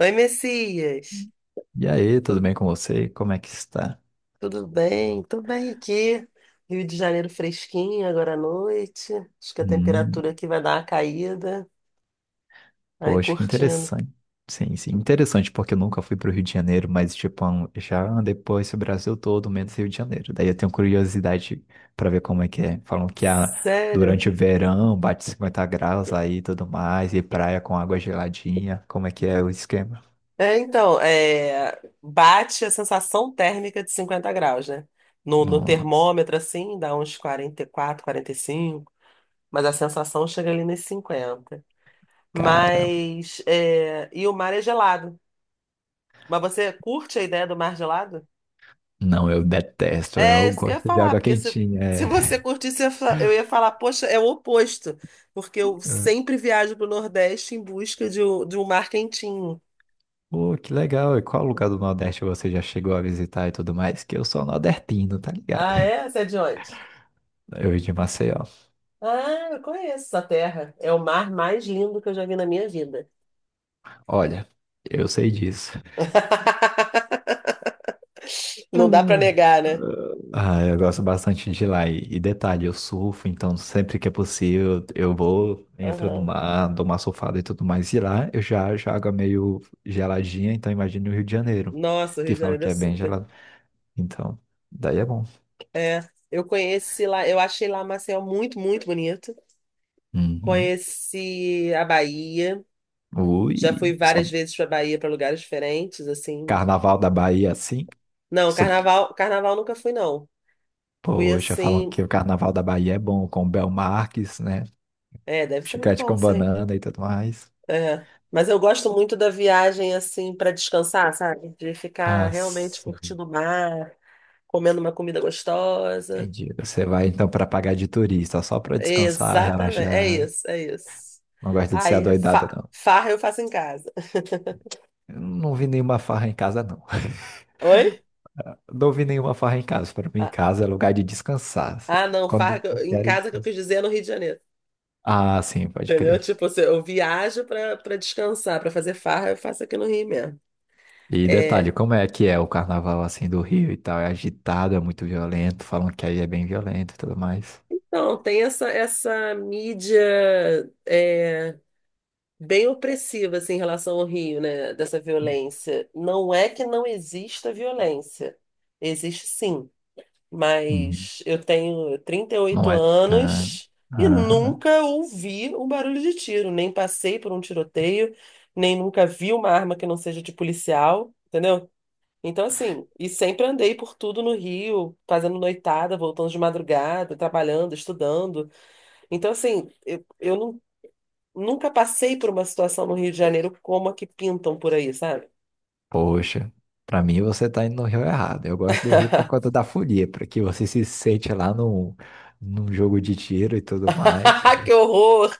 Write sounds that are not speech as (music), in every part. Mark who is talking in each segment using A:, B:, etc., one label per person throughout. A: Oi, Messias.
B: E aí, tudo bem com você? Como é que está?
A: Tudo bem? Tô bem aqui. Rio de Janeiro fresquinho agora à noite. Acho que a temperatura
B: Hum,
A: aqui vai dar uma caída. Aí
B: Poxa, que
A: curtindo.
B: interessante. Sim, sim, interessante, porque eu nunca fui para o Rio de Janeiro, mas, tipo, já andei por esse Brasil todo, menos Rio de Janeiro. Daí eu tenho curiosidade para ver como é que é. Falam que
A: Sério?
B: durante o verão bate 50 graus aí e tudo mais, e praia com água geladinha. Como é que é o esquema?
A: É, então, bate a sensação térmica de 50 graus, né? No
B: Nossa,
A: termômetro, assim, dá uns 40 44, 45, mas a sensação chega ali nos 50.
B: caramba.
A: Mas, e o mar é gelado. Mas você curte a ideia do mar gelado?
B: Não, eu detesto,
A: É
B: eu
A: isso que eu ia
B: gosto de
A: falar,
B: água
A: porque se,
B: quentinha.
A: se você
B: É.
A: curtisse, eu ia falar, poxa, é o oposto, porque eu
B: (laughs)
A: sempre viajo para o Nordeste em busca de, de um mar quentinho.
B: Pô, que legal. E qual lugar do Nordeste você já chegou a visitar e tudo mais? Que eu sou nordestino, tá ligado?
A: Ah, é? Você é de onde?
B: Eu de Maceió.
A: Ah, eu conheço essa terra. É o mar mais lindo que eu já vi na minha vida.
B: Olha, eu sei disso.
A: (laughs) Não dá para
B: Uhum.
A: negar, né?
B: Ah, eu gosto bastante de lá. E detalhe, eu surfo, então sempre que é possível eu vou, entro no
A: Aham.
B: mar, dou uma surfada e tudo mais. E lá eu já água meio geladinha, então imagina o Rio de Janeiro,
A: Nossa, o Rio
B: que
A: de
B: falam
A: Janeiro é
B: que é bem
A: super.
B: gelado. Então, daí é bom.
A: É, eu conheci lá, eu achei lá Maceió muito, muito bonito.
B: Uhum.
A: Conheci a Bahia. Já fui
B: Ui, só
A: várias vezes para Bahia, para lugares diferentes, assim.
B: carnaval da Bahia assim.
A: Não, carnaval, carnaval nunca fui, não. Fui
B: Poxa, falam
A: assim,
B: que o Carnaval da Bahia é bom, com o Bel Marques, né?
A: é, deve ser muito
B: Chiclete
A: bom,
B: com
A: sim.
B: banana e tudo mais.
A: É. Mas eu gosto muito da viagem assim para descansar, sabe? De ficar
B: Ah,
A: realmente
B: sim,
A: curtindo o mar, comendo uma comida gostosa.
B: entendi. Você vai então para pagar de turista, só para descansar,
A: Exatamente, é
B: relaxar.
A: isso, é isso.
B: Não gosta de ser
A: Aí,
B: adoidada, não.
A: farra eu faço em casa.
B: Eu não vi nenhuma farra em casa, não. (laughs)
A: (laughs) Oi?
B: Não vi nenhuma farra em casa. Para mim, em
A: Ah,
B: casa é lugar de descansar.
A: ah, não, farra
B: Quando
A: que
B: eu
A: em
B: quero
A: casa que eu
B: descansar.
A: quis dizer é no Rio de Janeiro.
B: Ah, sim, pode
A: Entendeu?
B: crer.
A: Tipo, se eu viajo pra para descansar, pra fazer farra, eu faço aqui no Rio mesmo.
B: E detalhe,
A: É.
B: como é que é o carnaval assim do Rio e tal? É agitado, é muito violento, falam que aí é bem violento e tudo mais.
A: Então, tem essa mídia é, bem opressiva assim, em relação ao Rio, né? Dessa violência. Não é que não exista violência. Existe sim.
B: Uhum.
A: Mas eu tenho trinta e
B: Não
A: oito
B: é tão.
A: anos e
B: Aham.
A: nunca ouvi um barulho de tiro. Nem passei por um tiroteio, nem nunca vi uma arma que não seja de policial. Entendeu? Então, assim, e sempre andei por tudo no Rio, fazendo noitada, voltando de madrugada, trabalhando, estudando. Então, assim, eu não- nunca passei por uma situação no Rio de Janeiro como a que pintam por aí, sabe?
B: Poxa, pra mim você tá indo no rio errado. Eu gosto do rio por
A: (laughs)
B: conta da folia, porque você se sente lá no, num jogo de tiro e tudo mais.
A: Que horror!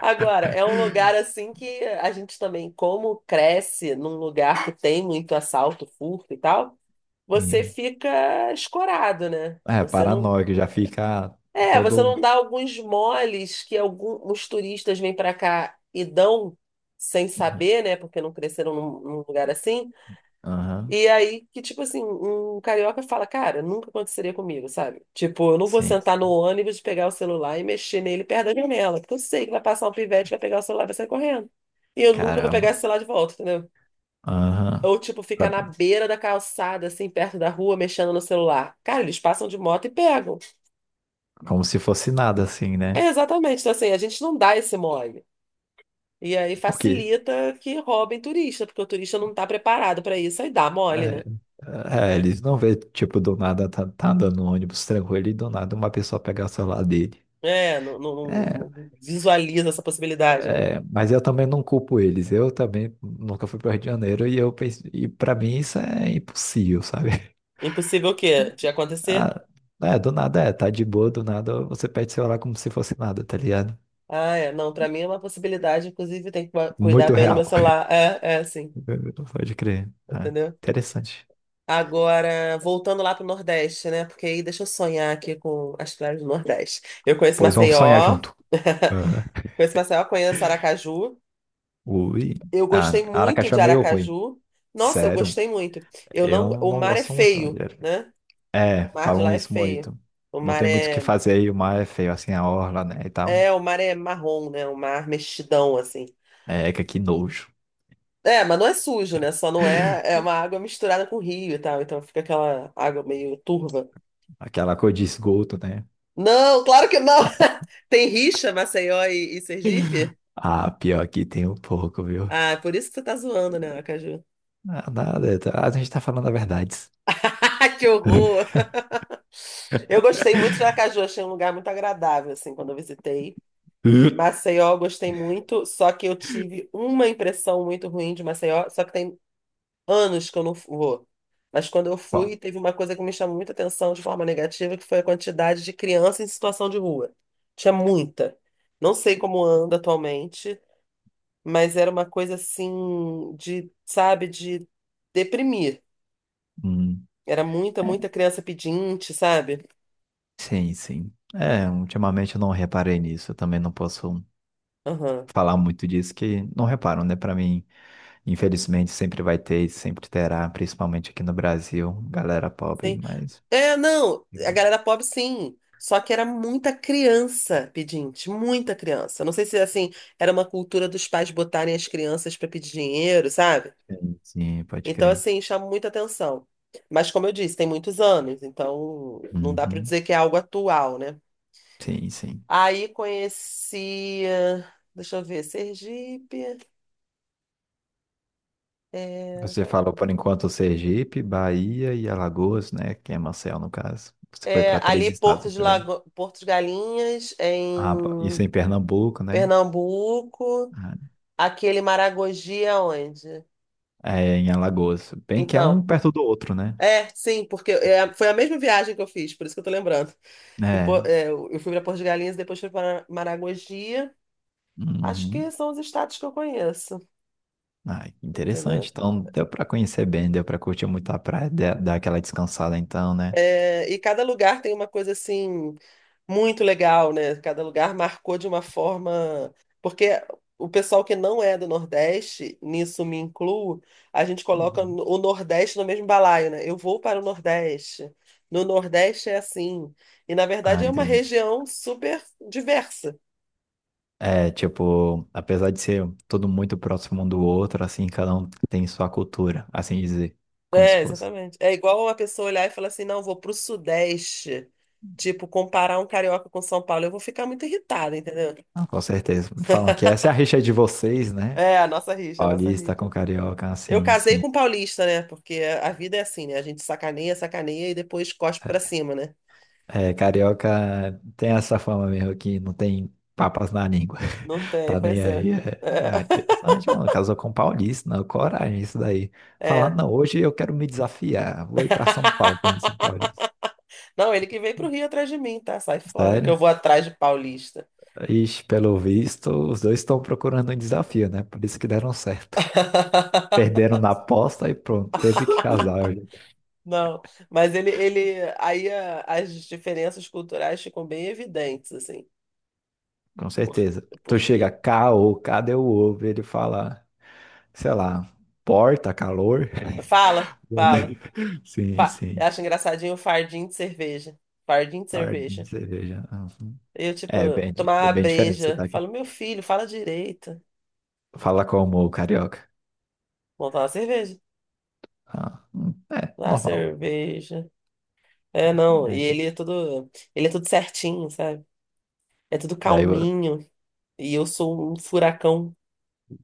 A: Agora, é um lugar assim que a gente também, como cresce num lugar que tem muito assalto, furto e tal, você
B: E,
A: fica escorado, né?
B: é,
A: Você não,
B: paranoico, já fica
A: é, você não
B: todo.
A: dá alguns moles que alguns turistas vêm para cá e dão sem saber, né? Porque não cresceram num lugar assim.
B: Aham,
A: E aí que, tipo assim, um carioca fala, cara, nunca aconteceria comigo, sabe? Tipo, eu não vou
B: sim.
A: sentar no ônibus, pegar o celular e mexer nele perto da janela, porque eu sei que vai passar um pivete, vai pegar o celular e vai sair correndo. E eu nunca vou pegar
B: Caramba.
A: esse celular de volta, entendeu?
B: Aham.
A: Ou, tipo, ficar
B: Pra-
A: na beira da calçada, assim, perto da rua, mexendo no celular. Cara, eles passam de moto e pegam.
B: Como se fosse nada assim, né?
A: É, exatamente. Então, assim, a gente não dá esse mole. E aí
B: Porque.
A: facilita que roubem turista, porque o turista não está preparado para isso. Aí dá mole, né?
B: É, é, eles não vê, tipo, do nada tá andando no ônibus tranquilo e do nada uma pessoa pegar o celular dele.
A: É, não, não- não-
B: É.
A: não visualiza essa possibilidade, né?
B: É, mas eu também não culpo eles. Eu também nunca fui para o Rio de Janeiro e eu pensei, e para mim isso é impossível, sabe? (laughs)
A: Impossível o quê? De acontecer?
B: Ah, é, do nada é, tá de boa, do nada você pede celular como se fosse nada, tá ligado?
A: Ah, é. Não, para mim é uma possibilidade. Inclusive, tem que cuidar
B: Muito
A: bem do meu
B: real.
A: celular. É, é, sim.
B: (laughs) Pode crer. Ah,
A: Entendeu?
B: interessante.
A: Agora, voltando lá para o Nordeste, né? Porque aí deixa eu sonhar aqui com as praias do Nordeste. Eu conheço
B: Pois vamos sonhar
A: Maceió.
B: junto.
A: (laughs)
B: Aham.
A: Conheço Maceió, conheço Aracaju.
B: Ui.
A: Eu
B: Ah,
A: gostei muito
B: Aracaju é
A: de
B: meio ruim.
A: Aracaju. Nossa, eu
B: Sério,
A: gostei muito. Eu não,
B: eu
A: o
B: não
A: mar é
B: gosto muito.
A: feio, né? O
B: É,
A: mar de
B: falam
A: lá é
B: isso
A: feio.
B: muito.
A: O
B: Não
A: mar
B: tem muito o que
A: é,
B: fazer e o mar é feio, assim, a orla, né, e tal.
A: o mar é marrom, né? O mar mexidão assim.
B: É, que aqui nojo.
A: É, mas não é sujo, né? Só não é, é uma água misturada com rio e tal, então fica aquela água meio turva.
B: Aquela cor de esgoto, né?
A: Não, claro que não. (laughs) Tem rixa, Maceió e Sergipe?
B: (laughs) Ah, pior que tem um pouco, viu?
A: Ah, é por isso que você tá zoando, né, Aracaju?
B: Ah, Nada, tá- a gente tá falando a verdade.
A: (laughs) Que horror! Eu gostei muito de Aracaju, achei um lugar muito agradável, assim, quando eu visitei.
B: (laughs)
A: Maceió, gostei muito, só que eu tive uma impressão muito ruim de Maceió, só que tem anos que eu não vou. Mas quando eu fui,
B: Bom,
A: teve uma coisa que me chamou muita atenção de forma negativa, que foi a quantidade de criança em situação de rua. Tinha muita. Não sei como anda atualmente, mas era uma coisa assim de, sabe, de deprimir.
B: hum,
A: Era muita,
B: é,
A: muita criança pedinte, sabe?
B: sim, sim. É, ultimamente eu não reparei nisso. Eu também não posso
A: Aham.
B: falar muito disso, que não reparam, né? Pra mim, infelizmente, sempre vai ter e sempre terá, principalmente aqui no Brasil, galera pobre, mas.
A: É, não, a galera pobre sim. Só que era muita criança pedinte, muita criança. Não sei se assim, era uma cultura dos pais botarem as crianças para pedir dinheiro, sabe?
B: Sim, sim, pode
A: Então
B: crer.
A: assim, chama muita atenção. Mas como eu disse, tem muitos anos, então não dá para
B: Uhum.
A: dizer que é algo atual, né?
B: Sim, sim.
A: Aí conheci, deixa eu ver, Sergipe, é,
B: Você falou por enquanto Sergipe, Bahia e Alagoas, né? Que é Maceió, no caso. Você foi para três
A: ali
B: estados
A: Porto de
B: até agora.
A: Lago... Porto de Galinhas,
B: Ah, isso
A: em
B: é em Pernambuco, né?
A: Pernambuco.
B: Ah,
A: Aquele Maragogi é onde?
B: é, em Alagoas. Bem que é um
A: Então,
B: perto do outro, né?
A: é, sim, porque é, foi a mesma viagem que eu fiz, por isso que eu tô lembrando. Que, pô,
B: É.
A: é, eu fui para Porto de Galinhas, depois fui para Maragogi. Acho
B: Uhum.
A: que são os estados que eu conheço,
B: Ah, interessante.
A: entendeu?
B: Então, deu para conhecer bem, deu para curtir muito a praia, dar aquela descansada então, né?
A: É, e cada lugar tem uma coisa assim muito legal, né? Cada lugar marcou de uma forma. Porque o pessoal que não é do Nordeste, nisso me incluo, a gente coloca
B: Uhum.
A: o Nordeste no mesmo balaio, né? Eu vou para o Nordeste. No Nordeste é assim. E na
B: Ah,
A: verdade é uma
B: entendi.
A: região super diversa.
B: É, tipo, apesar de ser tudo muito próximo um do outro, assim, cada um tem sua cultura, assim dizer, como se
A: É,
B: fosse.
A: exatamente. É igual uma pessoa olhar e falar assim: não, vou para o Sudeste. Tipo, comparar um carioca com São Paulo, eu vou ficar muito irritada, entendeu?
B: Não, com certeza. Falam que essa é a rixa de vocês, né?
A: É, a nossa rixa, a nossa
B: Paulista com
A: rixa.
B: carioca,
A: Eu
B: assim,
A: casei
B: sim.
A: com paulista, né? Porque a vida é assim, né? A gente sacaneia, sacaneia e depois cospe pra cima, né?
B: É, carioca tem essa fama mesmo que não tem papas na língua.
A: Não
B: (laughs)
A: tem,
B: Tá nem
A: pois é.
B: aí. É, é interessante, mano. Casou com paulista, não. Coragem, isso daí.
A: É.
B: Falar,
A: É.
B: não, hoje eu quero me desafiar. Vou ir pra São Paulo conhecer um
A: (laughs)
B: paulista.
A: Não, ele que veio pro Rio atrás de mim, tá? Sai fora, que eu
B: Sério?
A: vou atrás de paulista.
B: Ixi, pelo visto, os dois estão procurando um desafio, né? Por isso que deram certo.
A: (laughs)
B: Perderam na aposta e pronto, teve que casar.
A: Não, mas ele, aí as diferenças culturais ficam bem evidentes, assim,
B: Com
A: por,
B: certeza. Tu chega
A: porque,
B: cá ou cadê o ovo? Ele fala, sei lá, porta, calor.
A: fala, fala,
B: (laughs) Sim,
A: eu
B: sim.
A: acho engraçadinho o fardinho de cerveja, fardinho de
B: Pardinho,
A: cerveja.
B: cerveja. Uhum.
A: Eu, tipo,
B: É bem,
A: tomar
B: é
A: uma
B: bem diferente o
A: breja.
B: sotaque.
A: Falo, meu filho, fala direito.
B: Fala como o carioca.
A: Montar uma cerveja.
B: Ah, é,
A: Ah,
B: normal.
A: cerveja. É, não. E
B: É.
A: ele é todo. Ele é tudo certinho, sabe? É tudo
B: Daí
A: calminho. E eu sou um furacão.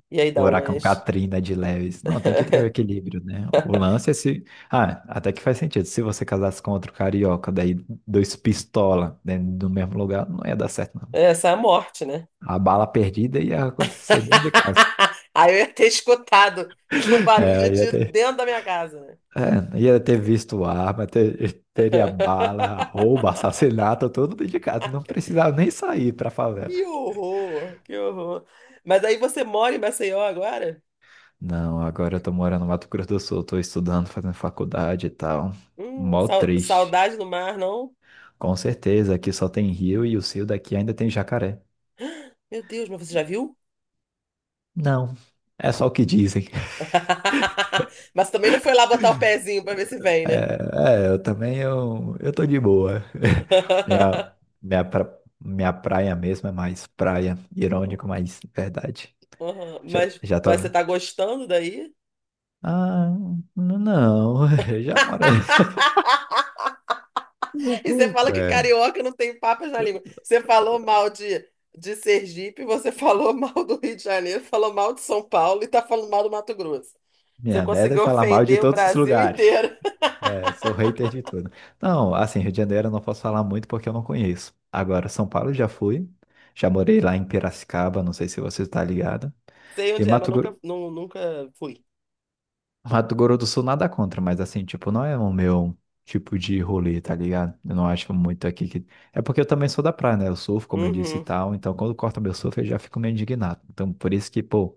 A: E aí
B: o
A: dá
B: huracão
A: umas.
B: Katrina de Leves. Não, tem que ter o
A: (laughs)
B: equilíbrio, né? O lance é se. Ah, até que faz sentido. Se você casasse com outro carioca, daí dois pistola dentro do mesmo lugar, não ia dar certo.
A: Essa é a morte, né?
B: A bala perdida ia acontecer dentro de casa.
A: (laughs) Aí eu ia ter escutado o barulho
B: É,
A: de
B: ia
A: tiro
B: ter,
A: dentro da minha casa, né?
B: é, ia ter visto arma, teria bala,
A: (laughs)
B: roubo, assassinato, tudo dentro de casa. Não precisava nem sair pra favela.
A: Que horror, que horror. Mas aí você mora em Maceió agora?
B: Não, agora eu tô morando no Mato Grosso do Sul, tô estudando, fazendo faculdade e tal. Mó triste.
A: Saudade do mar, não?
B: Com certeza, aqui só tem rio e o rio daqui ainda tem jacaré.
A: Meu Deus, mas você já viu?
B: Não, é só o que dizem.
A: (laughs) Mas também não foi lá botar o pezinho pra ver se vem, né?
B: É, é, eu também, eu tô de boa. (laughs) Minha,
A: (laughs)
B: minha praia mesmo é mais praia, irônico, mas é verdade.
A: Uhum.
B: Já,
A: Mas,
B: já tô...
A: mas você tá gostando daí?
B: Ah, não, (laughs) eu já moro... (laughs)
A: (laughs) E você fala que
B: É,
A: carioca não tem papas na língua. Você falou mal de Sergipe, você (laughs) falou mal do Rio de Janeiro, falou mal de São Paulo e tá falando mal do Mato Grosso. Você
B: minha meta é
A: conseguiu
B: falar mal de
A: ofender o
B: todos os
A: Brasil
B: lugares.
A: inteiro.
B: É, eu sou hater de tudo. Não, assim, Rio de Janeiro eu não posso falar muito porque eu não conheço. Agora, São Paulo eu já fui, já morei lá em Piracicaba, não sei se você está ligado.
A: (laughs) Sei
B: E
A: onde é, mas
B: Mato
A: nunca,
B: Grosso.
A: nu- nunca fui.
B: Mato Grosso do Sul nada contra, mas assim, tipo, não é o meu tipo de rolê, tá ligado? Eu não acho muito aqui que. É porque eu também sou da praia, né? Eu surfo, como eu disse e
A: Uhum,
B: tal. Então, quando corta meu surf, eu já fico meio indignado. Então, por isso que, pô,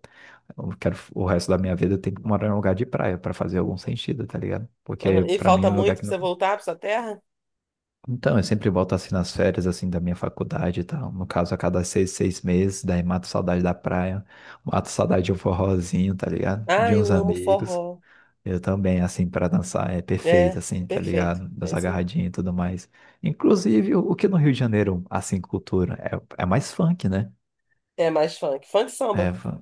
B: eu quero o resto da minha vida eu tenho que morar em um lugar de praia pra fazer algum sentido, tá ligado?
A: uhum.
B: Porque
A: E
B: pra mim
A: falta
B: é um lugar
A: muito
B: que
A: pra
B: não.
A: você voltar pra sua terra?
B: Então, eu sempre volto assim nas férias, assim, da minha faculdade e tal. No caso, a cada 6 meses, daí mato saudade da praia, mato saudade de um forrozinho, tá ligado?
A: Ah,
B: De uns
A: eu amo
B: amigos.
A: forró.
B: Eu também, assim, pra dançar é perfeito,
A: É,
B: assim, tá
A: perfeito.
B: ligado?
A: É
B: Dançar
A: isso mesmo.
B: agarradinho e tudo mais. Inclusive, o que no Rio de Janeiro, assim, cultura, é, é mais funk, né?
A: É mais funk. Funk e
B: É,
A: samba.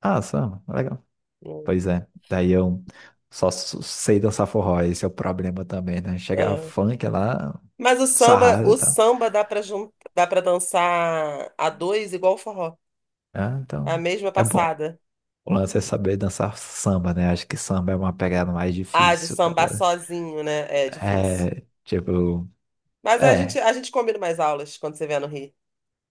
B: ah, samba, legal.
A: Hum,
B: Pois é, daí eu só sei dançar forró, esse é o problema também, né? Chegar
A: ah.
B: funk lá,
A: Mas
B: sarrada e
A: o
B: tal.
A: samba dá pra, jun... dá pra dançar a dois igual o forró.
B: Ah,
A: A
B: então,
A: mesma
B: é bom.
A: passada.
B: O lance é saber dançar samba, né? Acho que samba é uma pegada mais
A: Ah, de
B: difícil, tá
A: sambar
B: ligado?
A: sozinho, né? É difícil.
B: É, tipo,
A: Mas a gente,
B: é,
A: a gente combina mais aulas quando você vier no Rio.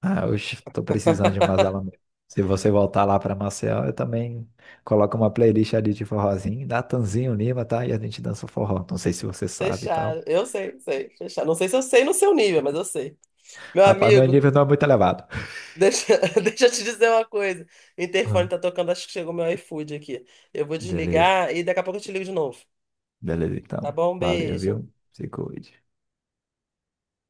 B: ah, oxe, tô precisando de umas
A: (laughs)
B: aula mesmo. Se você voltar lá para Maceió, eu também coloco uma playlist ali de forrozinho, Natanzinho Lima, tá? E a gente dança o forró. Não sei se você sabe e
A: Fechado.
B: tal.
A: Eu sei, sei. Fechado. Não sei se eu sei no seu nível, mas eu sei. Meu
B: Rapaz, meu
A: amigo.
B: nível não é muito elevado.
A: Deixa, (laughs) deixa eu te dizer uma coisa. O interfone
B: Ah,
A: tá tocando, acho que chegou meu iFood aqui. Eu vou
B: beleza,
A: desligar e daqui a pouco eu te ligo de novo.
B: beleza
A: Tá
B: então.
A: bom? Um
B: Valeu,
A: beijo.
B: viu? Se cuide.